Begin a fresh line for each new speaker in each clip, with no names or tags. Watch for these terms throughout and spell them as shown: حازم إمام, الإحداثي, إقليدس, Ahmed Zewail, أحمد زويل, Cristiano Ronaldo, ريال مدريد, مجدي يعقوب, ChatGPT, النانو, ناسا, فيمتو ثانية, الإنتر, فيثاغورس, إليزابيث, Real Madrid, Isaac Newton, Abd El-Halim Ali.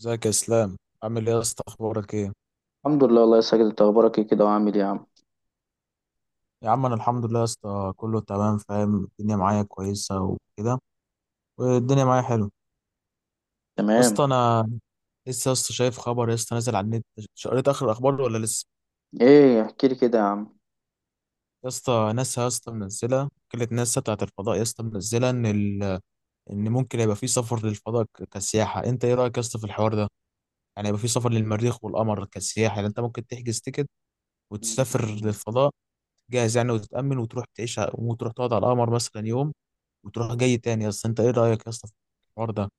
ازيك يا اسلام؟ عامل ايه يا اسطى؟ اخبارك ايه؟
الحمد لله والله يا ساجد، انت اخبارك ايه كده وعامل ايه يا عم؟
يا عم، انا الحمد لله يا اسطى، كله تمام، فاهم الدنيا معايا كويسه وكده، والدنيا معايا حلو يا
تمام.
اسطى. انا لسه يا اسطى شايف خبر يا اسطى نازل على النت. قريت اخر الاخبار ولا لسه؟
ايه، احكي لي كده يا عم.
يا اسطى ناسا يا اسطى منزله، وكاله ناسا بتاعت الفضاء يا اسطى منزله ان ان ممكن يبقى في سفر للفضاء كسياحه. انت ايه رايك يا اسطى في الحوار ده؟ يعني يبقى في سفر للمريخ والقمر كسياحه، يعني انت ممكن تحجز تيكت وتسافر
مم.
للفضاء جاهز، يعني وتتامن وتروح تعيش وتروح تقعد على القمر مثلا يوم وتروح جاي تاني. يا اسطى انت ايه رايك يا اسطى في الحوار ده؟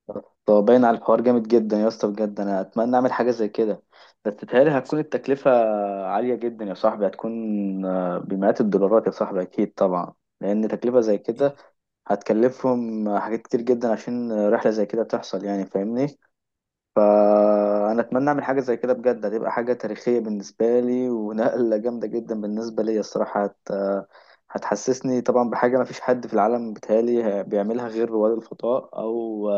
طب باين على الحوار جامد جدا يا اسطى بجد، انا اتمنى اعمل حاجه زي كده، بس تتهيألي هتكون التكلفه عاليه جدا يا صاحبي. هتكون بمئات الدولارات يا صاحبي اكيد طبعا، لان تكلفه زي كده هتكلفهم حاجات كتير جدا عشان رحله زي كده تحصل، يعني فاهمني. فانا اتمنى اعمل حاجه زي كده بجد، هتبقى حاجه تاريخيه بالنسبه لي ونقله جامده جدا بالنسبه لي الصراحه. هتحسسني طبعا بحاجه ما فيش حد في العالم بيتهيألي بيعملها غير رواد الفضاء او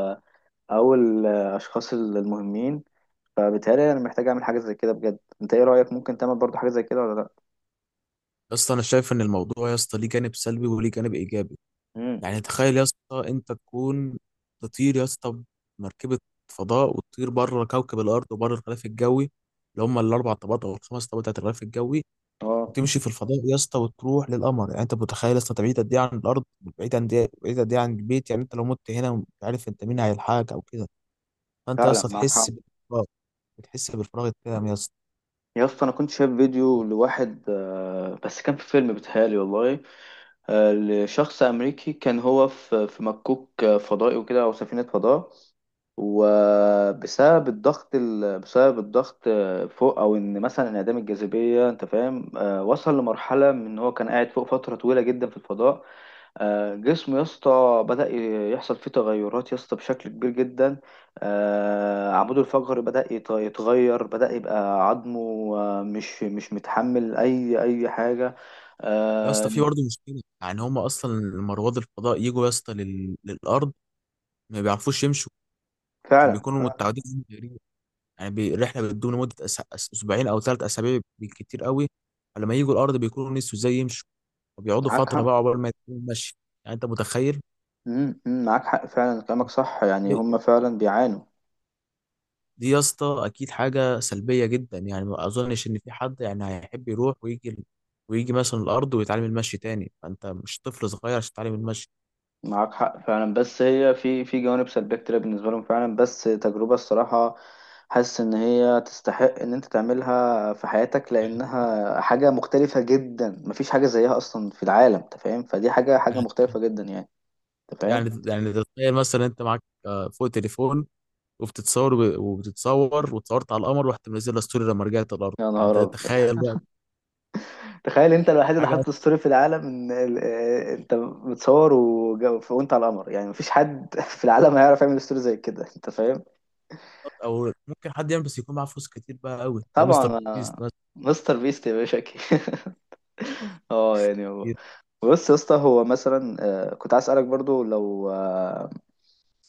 او الاشخاص المهمين. فبالتالي انا محتاج اعمل حاجه زي كده بجد. انت ايه رايك؟ ممكن تعمل برضو حاجه زي كده ولا لا؟
يا اسطى انا شايف ان الموضوع يا اسطى ليه جانب سلبي وليه جانب ايجابي.
امم،
يعني تخيل يا اسطى انت تكون تطير يا اسطى بمركبه فضاء وتطير بره كوكب الارض وبره الغلاف الجوي اللي هم الاربع طبقات او الخمس طبقات بتاعت الغلاف الجوي،
اه
وتمشي في الفضاء يا اسطى وتروح للقمر. يعني انت متخيل يا اسطى بعيد قد ايه عن الارض؟ بعيد عن بعيد قد ايه عن البيت؟ يعني انت لو مت هنا مش عارف انت مين هيلحقك او كده. فانت يا
فعلا
اسطى
معاك حق.
تحس بالفراغ، بتحس بالفراغ التام يا اسطى.
يا اسطى انا كنت شايف فيديو لواحد بس كان في فيلم بيتهيألي والله، لشخص أمريكي، كان هو في مكوك فضائي وكده أو سفينة فضاء. وبسبب بسبب الضغط فوق، او ان مثلا انعدام الجاذبيه، انت فاهم، وصل لمرحله من ان هو كان قاعد فوق فتره طويله جدا في الفضاء. جسمه يا اسطى يحصل فيه تغيرات يا اسطى بشكل كبير جدا. عموده الفقري يتغير، بدا يبقى عظمه مش متحمل اي حاجه.
يا اسطى
آه،
في برضه مشكله، يعني هم اصلا لما رواد الفضاء يجوا يا اسطى للارض ما بيعرفوش يمشوا عشان
فعلا
بيكونوا متعودين على الجري. يعني الرحله بتدوم لمده اسبوعين او ثلاث اسابيع بالكتير قوي. فلما يجوا الارض بيكونوا نسوا ازاي يمشوا وبيقعدوا
معاك
فتره
حق.
بقى عقبال ما يكونوا ماشي. يعني انت متخيل؟
مم، مم، معاك حق فعلا، كلامك صح،
دي
يعني هم فعلا بيعانوا.
دي يا اسطى اكيد حاجه سلبيه جدا، يعني ما اظنش ان في حد يعني هيحب يروح ويجي ويجي مثلا الارض ويتعلم المشي تاني. فانت مش طفل صغير عشان تتعلم المشي.
معاك حق فعلا، بس هي في جوانب سلبية كتير بالنسبة لهم فعلا. بس تجربة الصراحة حاسس إن هي تستحق إن أنت تعملها في حياتك، لأنها حاجة مختلفة جدا، مفيش حاجة زيها أصلا في العالم، أنت فاهم. فدي حاجة حاجة مختلفة جدا يعني، أنت فاهم.
يعني تخيل مثلا انت معاك فوق تليفون، وبتتصور وبتتصور وتصورت على القمر ورحت منزلها ستوري لما رجعت الارض.
يا
يعني انت
نهار أبيض!
تخيل بقى
تخيل أنت الوحيد اللي
حاجه،
حاطط ستوري في العالم، إن أنت متصور وأنت على القمر، يعني مفيش حد في العالم هيعرف يعمل ستوري زي كده، أنت فاهم.
او ممكن حد يعمل بس يكون معاه فلوس كتير بقى قوي زي مستر
طبعا،
بيست. ناس
مستر بيست يا باشا أكيد. اه يعني هو،
كتير.
بص يا اسطى هو مثلا، كنت عايز اسالك برضو لو، آه،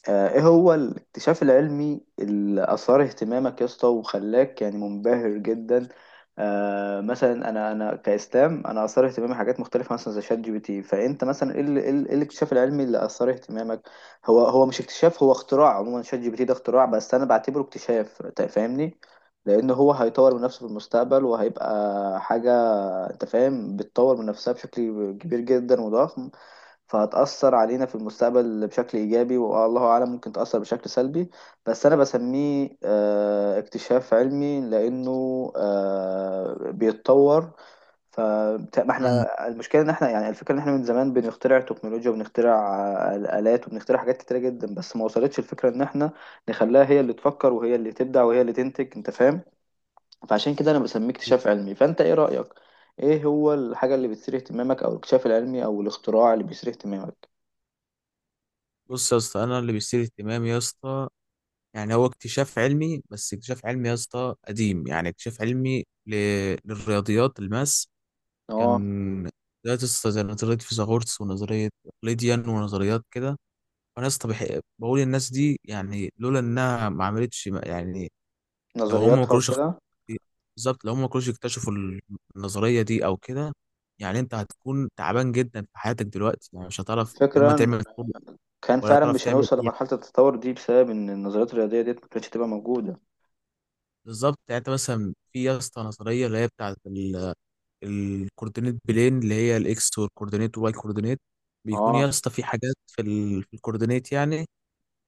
آه، ايه هو الاكتشاف العلمي اللي اثار اهتمامك يا اسطى وخلاك يعني منبهر جدا؟ مثلا انا كاسلام، انا اثار اهتمامي حاجات مختلفه مثلا زي شات جي بي تي. فانت مثلا ايه ال- إيه ال- إيه الاكتشاف العلمي اللي اثار اهتمامك؟ هو مش اكتشاف، هو اختراع. عموما شات جي بي تي ده اختراع بس انا بعتبره اكتشاف، أنت فاهمني. لان هو هيطور من نفسه في المستقبل وهيبقى حاجه، انت فاهم، بتطور من نفسها بشكل كبير جدا وضخم. فهتأثر علينا في المستقبل بشكل إيجابي، والله أعلم ممكن تأثر بشكل سلبي. بس أنا بسميه اكتشاف علمي لأنه بيتطور. ف ما
مم.
احنا المشكلة إن احنا، يعني الفكرة إن احنا من زمان بنخترع تكنولوجيا وبنخترع آلات وبنخترع حاجات كتيرة جدا، بس ما وصلتش الفكرة إن احنا نخليها هي اللي تفكر وهي اللي تبدع وهي اللي تنتج، أنت فاهم. فعشان كده أنا بسميه اكتشاف علمي. فأنت إيه رأيك؟ إيه هو الحاجة اللي بتثير اهتمامك، أو الاكتشاف العلمي أو الاختراع اللي بيثير اهتمامك؟
بص يا اسطى، انا اللي بيثير اهتمامي يا اسطى يعني هو اكتشاف علمي، بس اكتشاف علمي يا اسطى قديم. يعني اكتشاف علمي للرياضيات. الماس كان
اه،
نظريات يا اسطى زي نظريه فيثاغورس ونظريه اقليديان ونظريات كده. انا يا اسطى بقول الناس دي يعني لولا انها ما عملتش، يعني لو هم ما
نظرياتها
كانوش
وكده.
بالظبط، لو هم ما كانوش يكتشفوا النظريه دي او كده، يعني انت هتكون تعبان جدا في حياتك دلوقتي. يعني مش هتعرف يا اما
الفكرة
تعمل
إن
طب
كان
ولا
فعلا
هتعرف
مش
تعمل
هنوصل
ايه.
لمرحلة التطور دي بسبب إن النظريات الرياضية ديت ما كانتش تبقى موجودة.
بالظبط. يعني انت مثلا في يا اسطى نظريه اللي هي بتاعت الكوردينيت بلين، اللي هي الاكس والكوردينيت والواي كوردينيت. بيكون
اه.
يا اسطى في حاجات في في الكوردينيت، يعني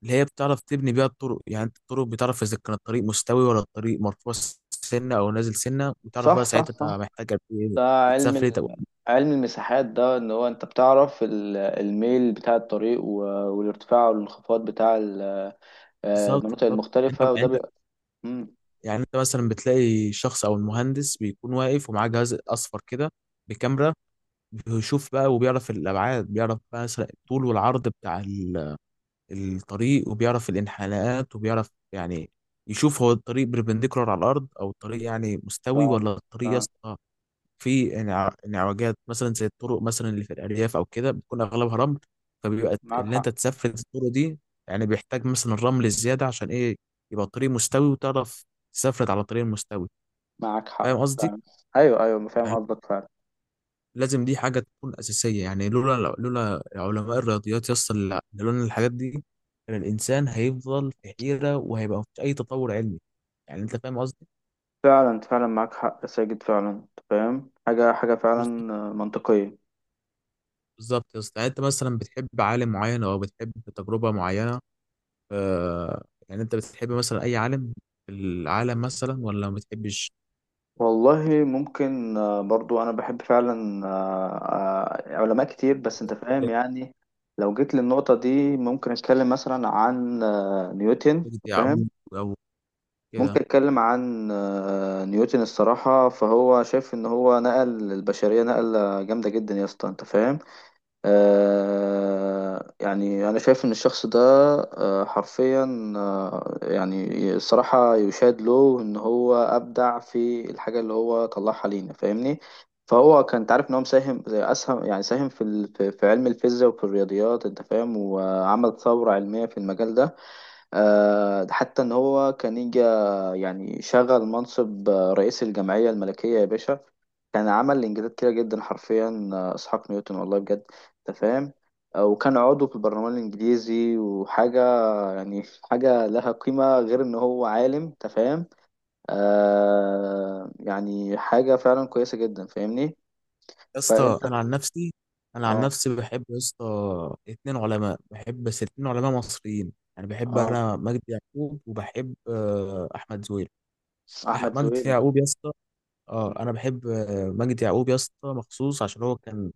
اللي هي بتعرف تبني بيها الطرق. يعني انت الطرق بتعرف اذا كان الطريق مستوي ولا الطريق مرفوع سنه او نازل سنه، وتعرف
صح،
بقى
صح،
ساعتها انت
صح.
محتاج قد ايه
ده علم
تسافر طب.
علم المساحات، ده إن هو أنت بتعرف الميل بتاع الطريق والارتفاع والانخفاض بتاع
بالظبط
المناطق
بالظبط. انت
المختلفة، وده
انت
بيبقى مم،
يعني انت مثلا بتلاقي شخص او المهندس بيكون واقف ومعاه جهاز اصفر كده بكاميرا، بيشوف بقى وبيعرف الابعاد، بيعرف بقى مثلا الطول والعرض بتاع الطريق، وبيعرف الانحناءات، وبيعرف يعني يشوف هو الطريق بربنديكولار على الارض او الطريق يعني مستوي،
فعلا.
ولا الطريق يا
فعلا
اسطى في انعوجات مثلا زي الطرق مثلا اللي في الارياف او كده بتكون اغلبها رمل. فبيبقى
معاك
اللي
حق.
انت تسفل الطرق دي يعني بيحتاج مثلا الرمل الزياده عشان ايه يبقى الطريق مستوي وتعرف تسفلت على الطريق المستوي.
معاك
فاهم
حق
قصدي؟
فعلا. أيوه، أيوه، فاهم
يعني
قصدك فعلا.
لازم دي حاجه تكون اساسيه. يعني لولا علماء الرياضيات يصل، لولا الحاجات دي كان الانسان هيفضل في حيره وهيبقى مفيش اي تطور علمي. يعني انت فاهم قصدي.
فعلا، فعلا معاك حق يا ساجد، فعلا أنت فاهم حاجة حاجة
بالظبط
فعلا منطقية.
بالظبط يا اسطى. يعني انت مثلا بتحب عالم معين او بتحب تجربه معينه؟ آه، يعني انت بتحب مثلا اي عالم في العالم مثلا ولا ما بتحبش؟
والله ممكن، برضو انا بحب فعلا علماء كتير، بس انت فاهم يعني. لو جيت للنقطة دي ممكن اتكلم مثلا عن نيوتن.
مجدي
فاهم.
يعقوب او كده.
ممكن اتكلم عن نيوتن الصراحة. فهو شايف ان هو نقل البشرية نقلة جامدة جدا يا اسطى، انت فاهم. يعني أنا شايف إن الشخص ده حرفيا يعني الصراحة يشاد له إن هو أبدع في الحاجة اللي هو طلعها لينا، فاهمني. فهو كان، تعرف إن هو مساهم زي أسهم، يعني ساهم في ال- في في علم الفيزياء وفي الرياضيات، أنت فاهم. وعمل ثورة علمية في المجال ده. حتى ان هو كان يجي يعني شغل منصب رئيس الجمعية الملكية يا باشا. كان عمل انجازات كتيرة جدا، حرفيا، اسحاق نيوتن والله بجد، انت فاهم. وكان عضو في البرلمان الانجليزي وحاجة يعني، حاجة لها قيمة غير ان هو عالم، انت فاهم. آه يعني حاجة فعلا كويسة جدا، فاهمني.
يا
فانت.
اسطى انا عن نفسي انا عن
اه.
نفسي بحب يا اسطى اتنين علماء. بحب بس اتنين علماء مصريين، يعني بحب
اه،
انا مجدي يعقوب وبحب احمد زويل.
احمد
مجدي
زويل.
يعقوب يا اسطى. اه انا بحب مجدي يعقوب يا اسطى مخصوص عشان هو كان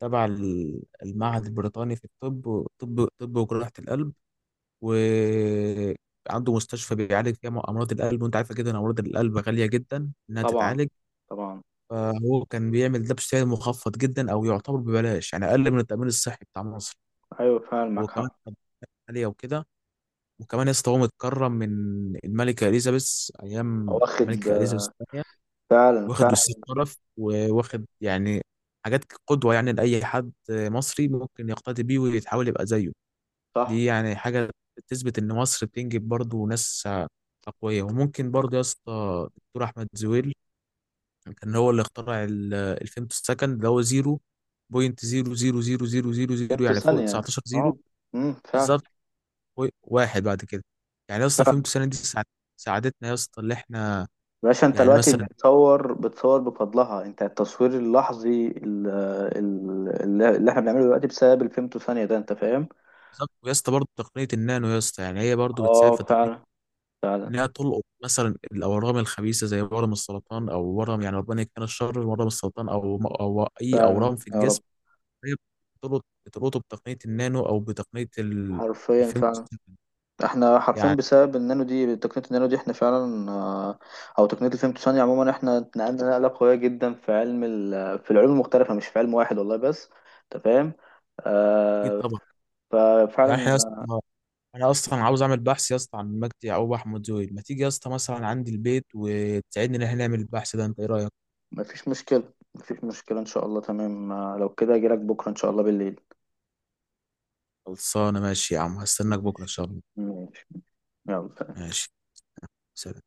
تبع المعهد البريطاني في الطب طب طب وجراحة القلب، وعنده مستشفى بيعالج فيها امراض القلب. وانت عارفه جدا امراض القلب غاليه جدا انها
طبعا.
تتعالج.
طبعا.
فهو كان بيعمل ده بسعر مخفض جدا، او يعتبر ببلاش يعني، اقل من التامين الصحي بتاع مصر.
ايوه فعلا
هو
معاك
كمان
حق.
كان عاليه وكده. وكمان يا اسطى هو متكرم من الملكه اليزابيث، ايام
واخد
الملكه اليزابيث الثانيه.
فعلا،
واخد
فعلا.
وسيم شرف وواخد يعني حاجات قدوه، يعني لاي حد مصري ممكن يقتدي بيه ويتحاول يبقى زيه.
صح.
دي يعني حاجة تثبت إن مصر بتنجب برضه ناس أقوياء. وممكن برضه يا اسطى دكتور أحمد زويل كان هو اللي اخترع الفيمتو سكند، اللي هو زيرو بوينت زيرو زيرو زيرو زيرو زيرو زيرو،
قيمته
يعني فوق
ثانية.
19
اه.
زيرو
امم. فعلا،
بالظبط واحد بعد كده. يعني يا اسطى
فعلا.
فيمتو سكند دي ساعدتنا يا اسطى اللي احنا
باشا، انت
يعني
دلوقتي
مثلا.
بتصور بفضلها انت. التصوير اللحظي اللي احنا بنعمله دلوقتي بسبب الفيمتو ثانية ده، انت فاهم.
بالظبط. ويا اسطى برضه تقنية النانو يا اسطى، يعني هي برضه بتساعد
اه
في تقنية
فعلا. فعلا.
انها تلقط مثلا الاورام الخبيثه زي ورم السرطان او ورم، يعني ربنا يكفينا الشر، ورم السرطان او اي اورام
فعلا
في
يا
الجسم.
رب.
هي بتلقطه بتقنيه النانو او بتقنيه
حرفيا
الفيلم.
فعلا. احنا حرفيا
يعني
بسبب النانو دي، تقنية النانو دي، احنا فعلا، او تقنية الفيمتو ثانية عموما، احنا اتنقلنا نقلة قوية جدا في علم في العلوم المختلفة مش في علم واحد والله، بس انت فاهم.
اكيد
آه،
طبعا. يعني احنا يا اسطى
ففعلا.
انا اصلا عاوز اعمل بحث يا اسطى عن مجدي يعقوب احمد زويل. ما تيجي يا اسطى مثلا عندي البيت وتساعدني ان احنا نعمل البحث ده؟ انت ايه رايك؟
مفيش مشكلة، مفيش مشكلة إن شاء الله. تمام، لو كده أجيلك بكرة إن شاء الله بالليل.
خلصانه. ماشي يا عم، هستناك بكره ان
ماشي.
شاء الله.
ماشي. يلا.
ماشي. سلام.